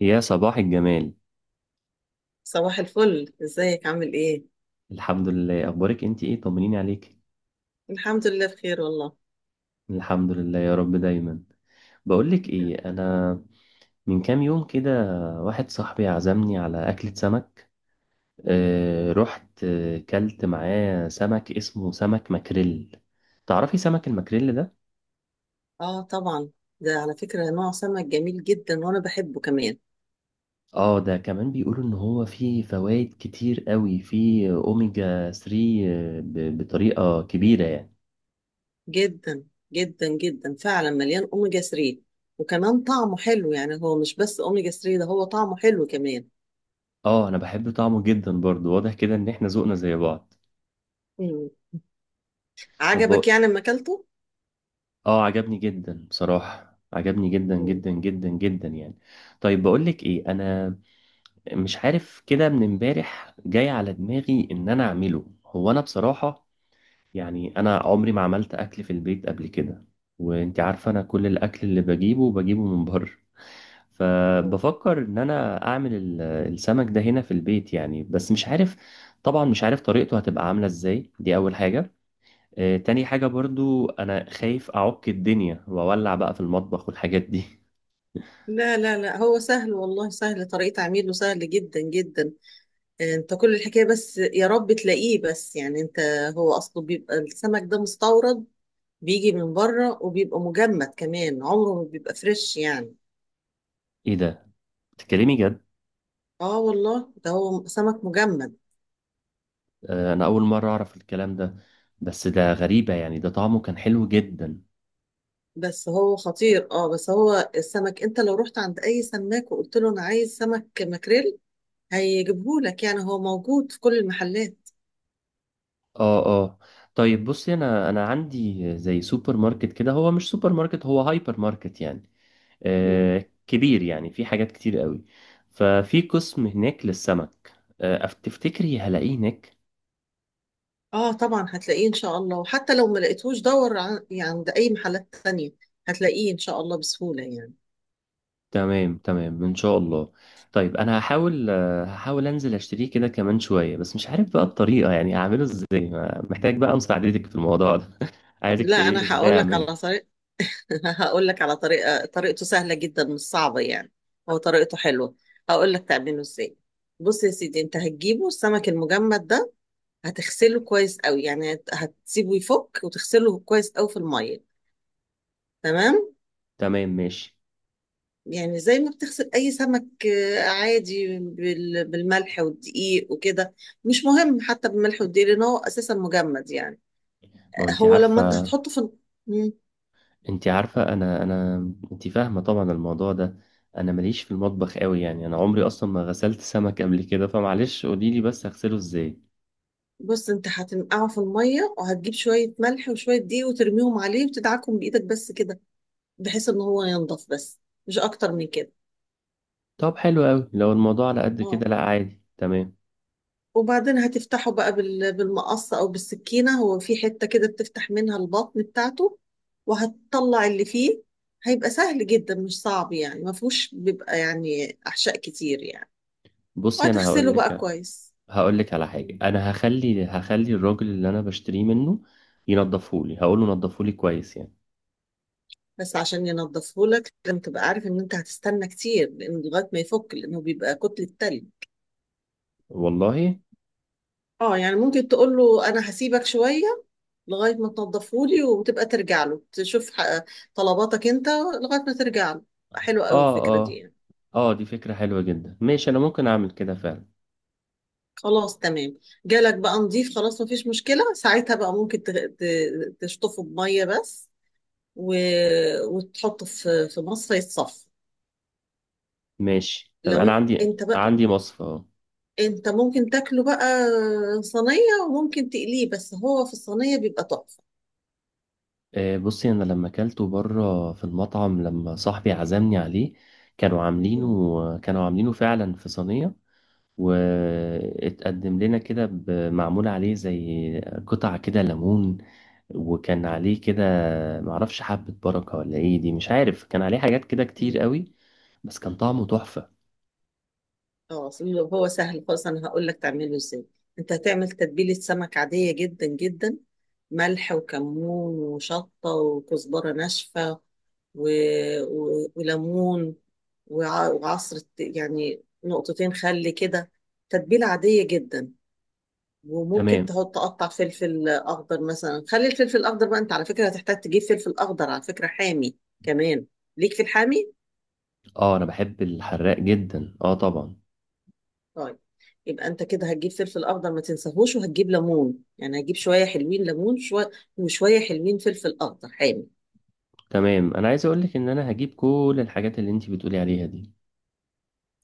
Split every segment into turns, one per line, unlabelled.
يا صباح الجمال.
صباح الفل، ازيك عامل ايه؟
الحمد لله، اخبارك انت ايه؟ طمنيني عليك.
الحمد لله بخير والله.
الحمد لله يا رب دايما. بقولك
نعم.
ايه انا، من كام يوم كده واحد صاحبي عزمني على اكلة سمك. رحت كلت معاه سمك اسمه سمك ماكريل. تعرفي سمك الماكريل ده؟
اه طبعا. ده على فكرة نوع سمك جميل جدا وانا بحبه كمان.
اه، ده كمان بيقولوا ان هو فيه فوائد كتير قوي، فيه اوميجا 3 بطريقة كبيرة يعني.
جدا جدا جدا فعلا مليان اوميجا 3. وكمان طعمه حلو، يعني هو مش بس اوميجا 3، ده هو طعمه حلو كمان.
اه انا بحب طعمه جدا برضو، واضح كده ان احنا ذوقنا زي بعض.
مم.
طب
عجبك يعني لما اكلته؟
اه عجبني جدا بصراحة، عجبني جدا
مم.
جدا جدا جدا يعني. طيب بقولك ايه انا، مش عارف كده من امبارح جاي على دماغي ان انا اعمله هو. انا بصراحة يعني انا عمري ما عملت اكل في البيت قبل كده، وانت عارفة انا كل الاكل اللي بجيبه بجيبه من بره.
آه.
فبفكر ان انا اعمل السمك ده هنا في البيت يعني، بس مش عارف. طبعا مش عارف طريقته هتبقى عاملة ازاي، دي اول حاجة. تاني حاجة برضو أنا خايف أعك الدنيا وأولع بقى في المطبخ والحاجات دي.
لا هو سهل والله، سهل، طريقة عميله سهل جدا جدا. انت كل الحكاية بس يا رب تلاقيه، بس يعني انت، هو اصله بيبقى السمك ده مستورد، بيجي من بره وبيبقى مجمد كمان، عمره ما بيبقى فريش يعني.
إيه ده؟ بتتكلمي جد؟
اه والله ده هو سمك مجمد.
آه، أنا أول مرة أعرف الكلام ده، بس ده غريبة يعني، ده طعمه كان حلو جدا.
بس هو خطير، اه بس هو السمك انت لو رحت عند اي سماك وقلت له انا عايز سمك ماكريل هيجيبهولك، يعني هو موجود في كل المحلات.
آه آه. طيب بصي، أنا عندي زي سوبر ماركت كده، هو مش سوبر ماركت، هو هايبر ماركت يعني.
مم.
آه، كبير يعني، في حاجات كتير قوي. ففي قسم هناك للسمك. آه، تفتكري هلاقيه هناك؟
اه طبعا هتلاقيه ان شاء الله، وحتى لو ما لقيتهوش دور يعني عند اي محلات تانية، هتلاقيه ان شاء الله بسهولة يعني.
تمام تمام ان شاء الله. طيب انا هحاول، آه، هحاول انزل اشتريه كده كمان شويه، بس مش عارف بقى الطريقه يعني اعمله ازاي. محتاج بقى مساعدتك في الموضوع ده. عايزك
لا
تقولي لي
انا
ازاي
هقول لك
اعمله.
على طريقة. هقول لك على طريقة، طريقته سهلة جدا مش صعبة يعني، هو طريقته حلوة. هقول لك تعمله ازاي. بص يا سيدي، انت هتجيبه السمك المجمد ده، هتغسله كويس قوي، يعني هتسيبه يفك وتغسله كويس قوي في المية، تمام.
تمام ماشي.
يعني زي ما بتغسل اي سمك، عادي بالملح والدقيق وكده. مش مهم حتى بالملح والدقيق، لان هو اساسا مجمد يعني.
ما انت
هو لما انت
عارفه،
هتحطه في ال-
انت عارفه. انا انت فاهمه طبعا الموضوع ده، انا ماليش في المطبخ قوي يعني، انا عمري اصلا ما غسلت سمك قبل كده، فمعلش قولي لي بس اغسله ازاي.
بص انت هتنقعه في الميه، وهتجيب شويه ملح وشويه دقيق وترميهم عليه وتدعكهم بايدك بس كده، بحيث ان هو ينضف بس، مش اكتر من كده.
طب حلو قوي، لو الموضوع على قد كده
اه.
لا عادي تمام.
وبعدين هتفتحه بقى بالمقص او بالسكينه، هو في حته كده بتفتح منها البطن بتاعته، وهتطلع اللي فيه. هيبقى سهل جدا مش صعب يعني، ما فيهوش بيبقى يعني احشاء كتير يعني.
بصي انا هقول
وهتغسله بقى
لك،
كويس.
هقول لك على
مم.
حاجة. أنا هخلي الراجل اللي أنا بشتريه منه ينضفه لي، هقول له نضفه لي كويس يعني.
بس عشان ينضفه لك لازم تبقى عارف ان انت هتستنى كتير، لان لغايه ما يفك، لانه بيبقى كتله تلج.
والله.
اه يعني ممكن تقول له انا هسيبك شويه لغايه ما تنضفهولي، وتبقى ترجع له تشوف طلباتك انت لغايه ما ترجع له. حلوه قوي
آه
الفكره دي
آه.
يعني.
آه دي فكرة حلوة جدا، ماشي أنا ممكن أعمل كده فعلا.
خلاص تمام. جالك بقى نضيف خلاص، مفيش مشكله ساعتها بقى، ممكن تشطفه بميه بس، و... وتحطه في مصفى يتصفى.
ماشي تمام، أنا
لو
عندي
انت بقى،
عندي مصفى أهو.
انت ممكن تاكله بقى صينيه، وممكن تقليه، بس هو في الصينيه بيبقى تحفه.
آه بصي، أنا لما أكلته بره في المطعم لما صاحبي عزمني عليه، كانوا عاملينه فعلا في صينية، واتقدم لنا كده معمول عليه زي قطع كده ليمون، وكان عليه كده، معرفش حبة بركة ولا ايه دي، مش عارف، كان عليه حاجات كده كتير
مم.
قوي، بس كان طعمه تحفة.
اه اصل هو سهل خالص، انا هقول لك تعمله ازاي. انت هتعمل تتبيله سمك عاديه جدا جدا، ملح وكمون وشطه وكزبره ناشفه و... وليمون، وعصره يعني نقطتين خل كده، تتبيله عاديه جدا. وممكن
تمام.
تحط تقطع فلفل اخضر مثلا، خلي الفلفل الاخضر بقى، انت على فكره هتحتاج تجيب فلفل اخضر على فكره حامي كمان، ليك في الحامي.
اه انا بحب الحراق جدا، اه طبعا.
طيب، يبقى انت كده هتجيب فلفل اخضر، ما تنساهوش، وهتجيب ليمون، يعني هتجيب شويه حلوين ليمون شويه، وشويه حلوين فلفل اخضر حامي.
تمام، انا عايز اقولك ان انا هجيب كل الحاجات اللي انتي بتقولي عليها دي.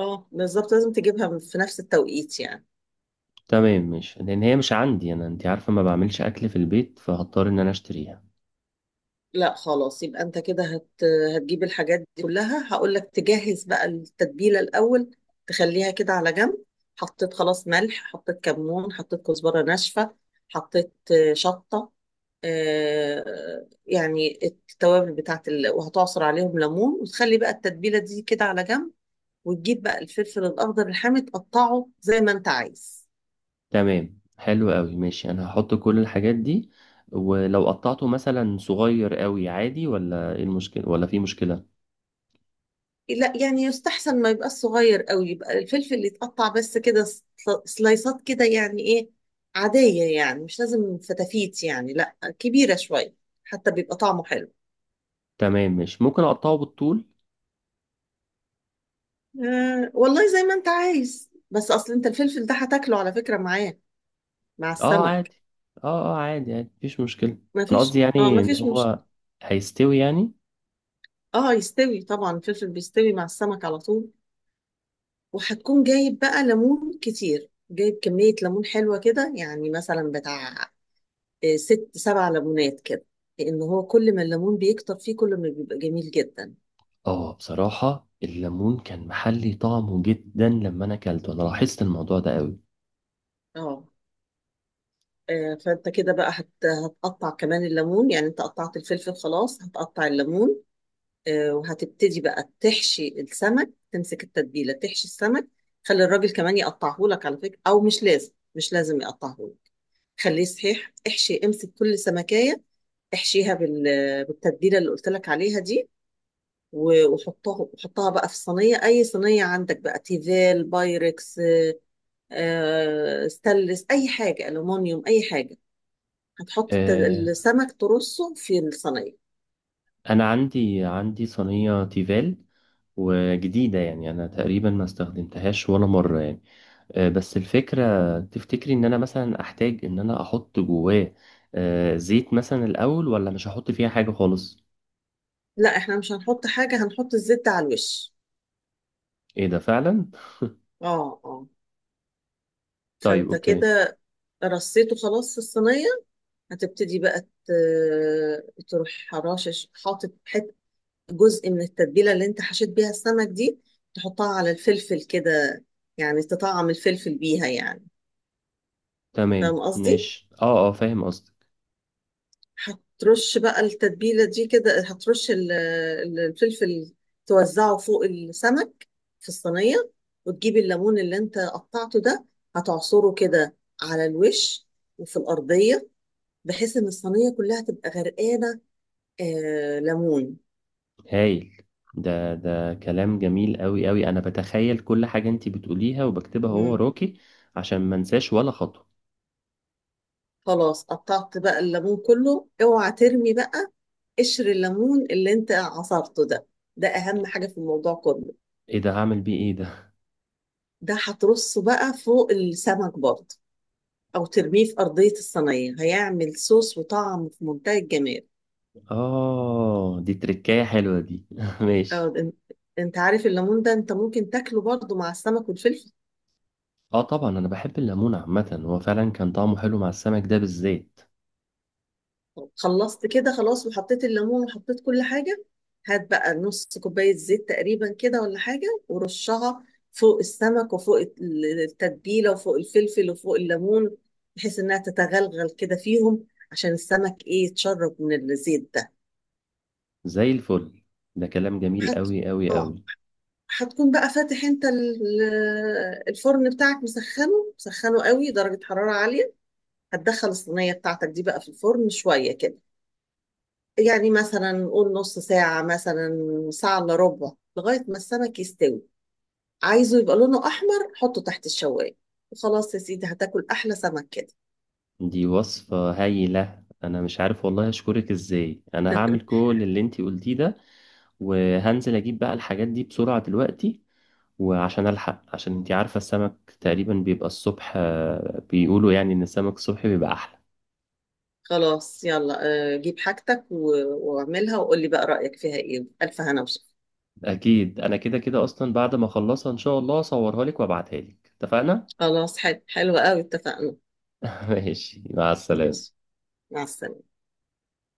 اه بالظبط، لازم تجيبها في نفس التوقيت يعني.
تمام، مش لان هي مش عندي، انا انتي عارفة ما بعملش اكل في البيت، فهضطر ان انا اشتريها.
لا خلاص، يبقى انت كده هتجيب الحاجات دي كلها. هقول لك تجهز بقى التتبيله الاول، تخليها كده على جنب. حطيت خلاص ملح، حطيت كمون، حطيت كزبره ناشفه، حطيت شطه، آه، يعني التوابل وهتعصر عليهم ليمون، وتخلي بقى التتبيله دي كده على جنب. وتجيب بقى الفلفل الاخضر الحامي تقطعه زي ما انت عايز.
تمام حلو قوي، ماشي انا هحط كل الحاجات دي. ولو قطعته مثلا صغير قوي عادي ولا ايه المشكلة، ولا في مشكلة؟
لا يعني يستحسن ما يبقى صغير قوي، يبقى الفلفل اللي يتقطع بس كده سلايسات كده يعني ايه، عادية يعني، مش لازم فتافيت يعني، لا كبيرة شوية، حتى بيبقى طعمه حلو.
تمام ماشي، ممكن اقطعه بالطول.
آه والله زي ما انت عايز، بس اصل انت الفلفل ده هتاكله على فكرة معاه، مع
اه
السمك.
عادي، اه اه عادي عادي، مفيش مشكلة.
ما
انا قصدي
فيش اه
يعني
ما
ان
فيش مشكلة.
هو هيستوي يعني.
اه يستوي طبعا، الفلفل بيستوي مع السمك على طول. وهتكون جايب بقى ليمون كتير، جايب كمية ليمون حلوة كده، يعني مثلا بتاع ست سبع ليمونات كده، لان هو كل ما الليمون بيكتر فيه كل ما بيبقى جميل جدا.
اه بصراحة الليمون كان محلي طعمه جدا، لما انا اكلته انا لاحظت الموضوع ده قوي.
اه. فانت كده بقى هتقطع كمان الليمون، يعني انت قطعت الفلفل خلاص، هتقطع الليمون. وهتبتدي بقى تحشي السمك، تمسك التتبيله تحشي السمك. خلي الراجل كمان يقطعه لك على فكره، او مش لازم، مش لازم يقطعه لك، خليه صحيح. احشي، امسك كل سمكيه احشيها بال... بالتتبيله اللي قلت لك عليها دي، وحطها بقى في صينية، أي صينية عندك بقى، تيفال، بايركس، ستانلس، أي حاجة، ألومنيوم أي حاجة. هتحط
آه
السمك ترصه في الصينية.
انا عندي صينية تيفال وجديدة يعني، انا تقريبا ما استخدمتهاش ولا مرة يعني. آه، بس الفكرة، تفتكري ان انا مثلا احتاج ان انا احط جواه آه، زيت مثلا الاول، ولا مش هحط فيها حاجة خالص؟
لا احنا مش هنحط حاجة، هنحط الزبدة على الوش.
ايه ده فعلا؟
اه اه.
طيب
فانت
اوكي.
كده رصيته خلاص في الصينية، هتبتدي بقى تروح حراشش حاطط حت جزء من التتبيلة اللي انت حشيت بيها السمك دي، تحطها على الفلفل كده، يعني تطعم الفلفل بيها يعني.
تمام
فاهم قصدي؟
ماشي، اه اه فاهم قصدك.
هترش بقى التتبيلة دي كده، هترش الفلفل، توزعه فوق السمك في الصينية. وتجيب الليمون اللي انت قطعته ده، هتعصره كده على الوش وفي الأرضية، بحيث ان الصينية كلها تبقى غرقانة آه ليمون.
هايل، ده ده كلام جميل قوي قوي، انا بتخيل كل حاجة انتي بتقوليها وبكتبها هو
مم.
وراكي عشان ما انساش ولا خطوة.
خلاص قطعت بقى الليمون كله، اوعى ترمي بقى قشر الليمون اللي انت عصرته ده، ده أهم حاجة في الموضوع كله.
ايه ده؟ هعمل بيه ايه ده؟
ده هترصه بقى فوق السمك برضه، أو ترميه في أرضية الصينية، هيعمل صوص وطعم في منتهى الجمال.
اه دي تركاية حلوة دي. ماشي.
أو إن- أنت عارف الليمون ده، أنت ممكن تاكله برضه مع السمك والفلفل.
اه طبعا انا بحب الليمون عامة، هو فعلا كان طعمه حلو مع السمك ده بالذات.
طب خلصت كده خلاص، وحطيت الليمون وحطيت كل حاجة. هات بقى نص كوباية زيت تقريبا كده ولا حاجة، ورشها فوق السمك وفوق التتبيلة وفوق الفلفل وفوق الليمون، بحيث إنها تتغلغل كده فيهم، عشان السمك إيه يتشرب من الزيت ده.
زي الفل، ده كلام جميل
حط
قوي قوي
اه.
قوي.
هتكون بقى فاتح انت الفرن بتاعك، مسخنه مسخنه قوي، درجة حرارة عالية، هتدخل الصينية بتاعتك دي بقى في الفرن شوية كده، يعني مثلا نقول نص ساعة مثلا، ساعة الا ربع، لغاية ما السمك يستوي. عايزه يبقى لونه أحمر، حطه تحت الشواية، وخلاص يا سيدي هتاكل أحلى سمك كده.
دي وصفة هايلة، انا مش عارف والله اشكرك ازاي، انا هعمل كل اللي انتي قلتيه ده، وهنزل اجيب بقى الحاجات دي بسرعة دلوقتي. وعشان الحق، عشان انتي عارفة السمك تقريبا بيبقى الصبح، آه، بيقولوا يعني ان السمك الصبح بيبقى احلى.
خلاص يلا. جيب حاجتك واعملها، وقول لي بقى رأيك فيها ايه، ألف هنا وشفا.
اكيد انا كده كده اصلا بعد ما اخلصها ان شاء الله اصورها لك وابعتها لك، اتفقنا؟
خلاص حلو حلو قوي اتفقنا.
ماشي، مع السلامة.
ماشي، مع السلامة.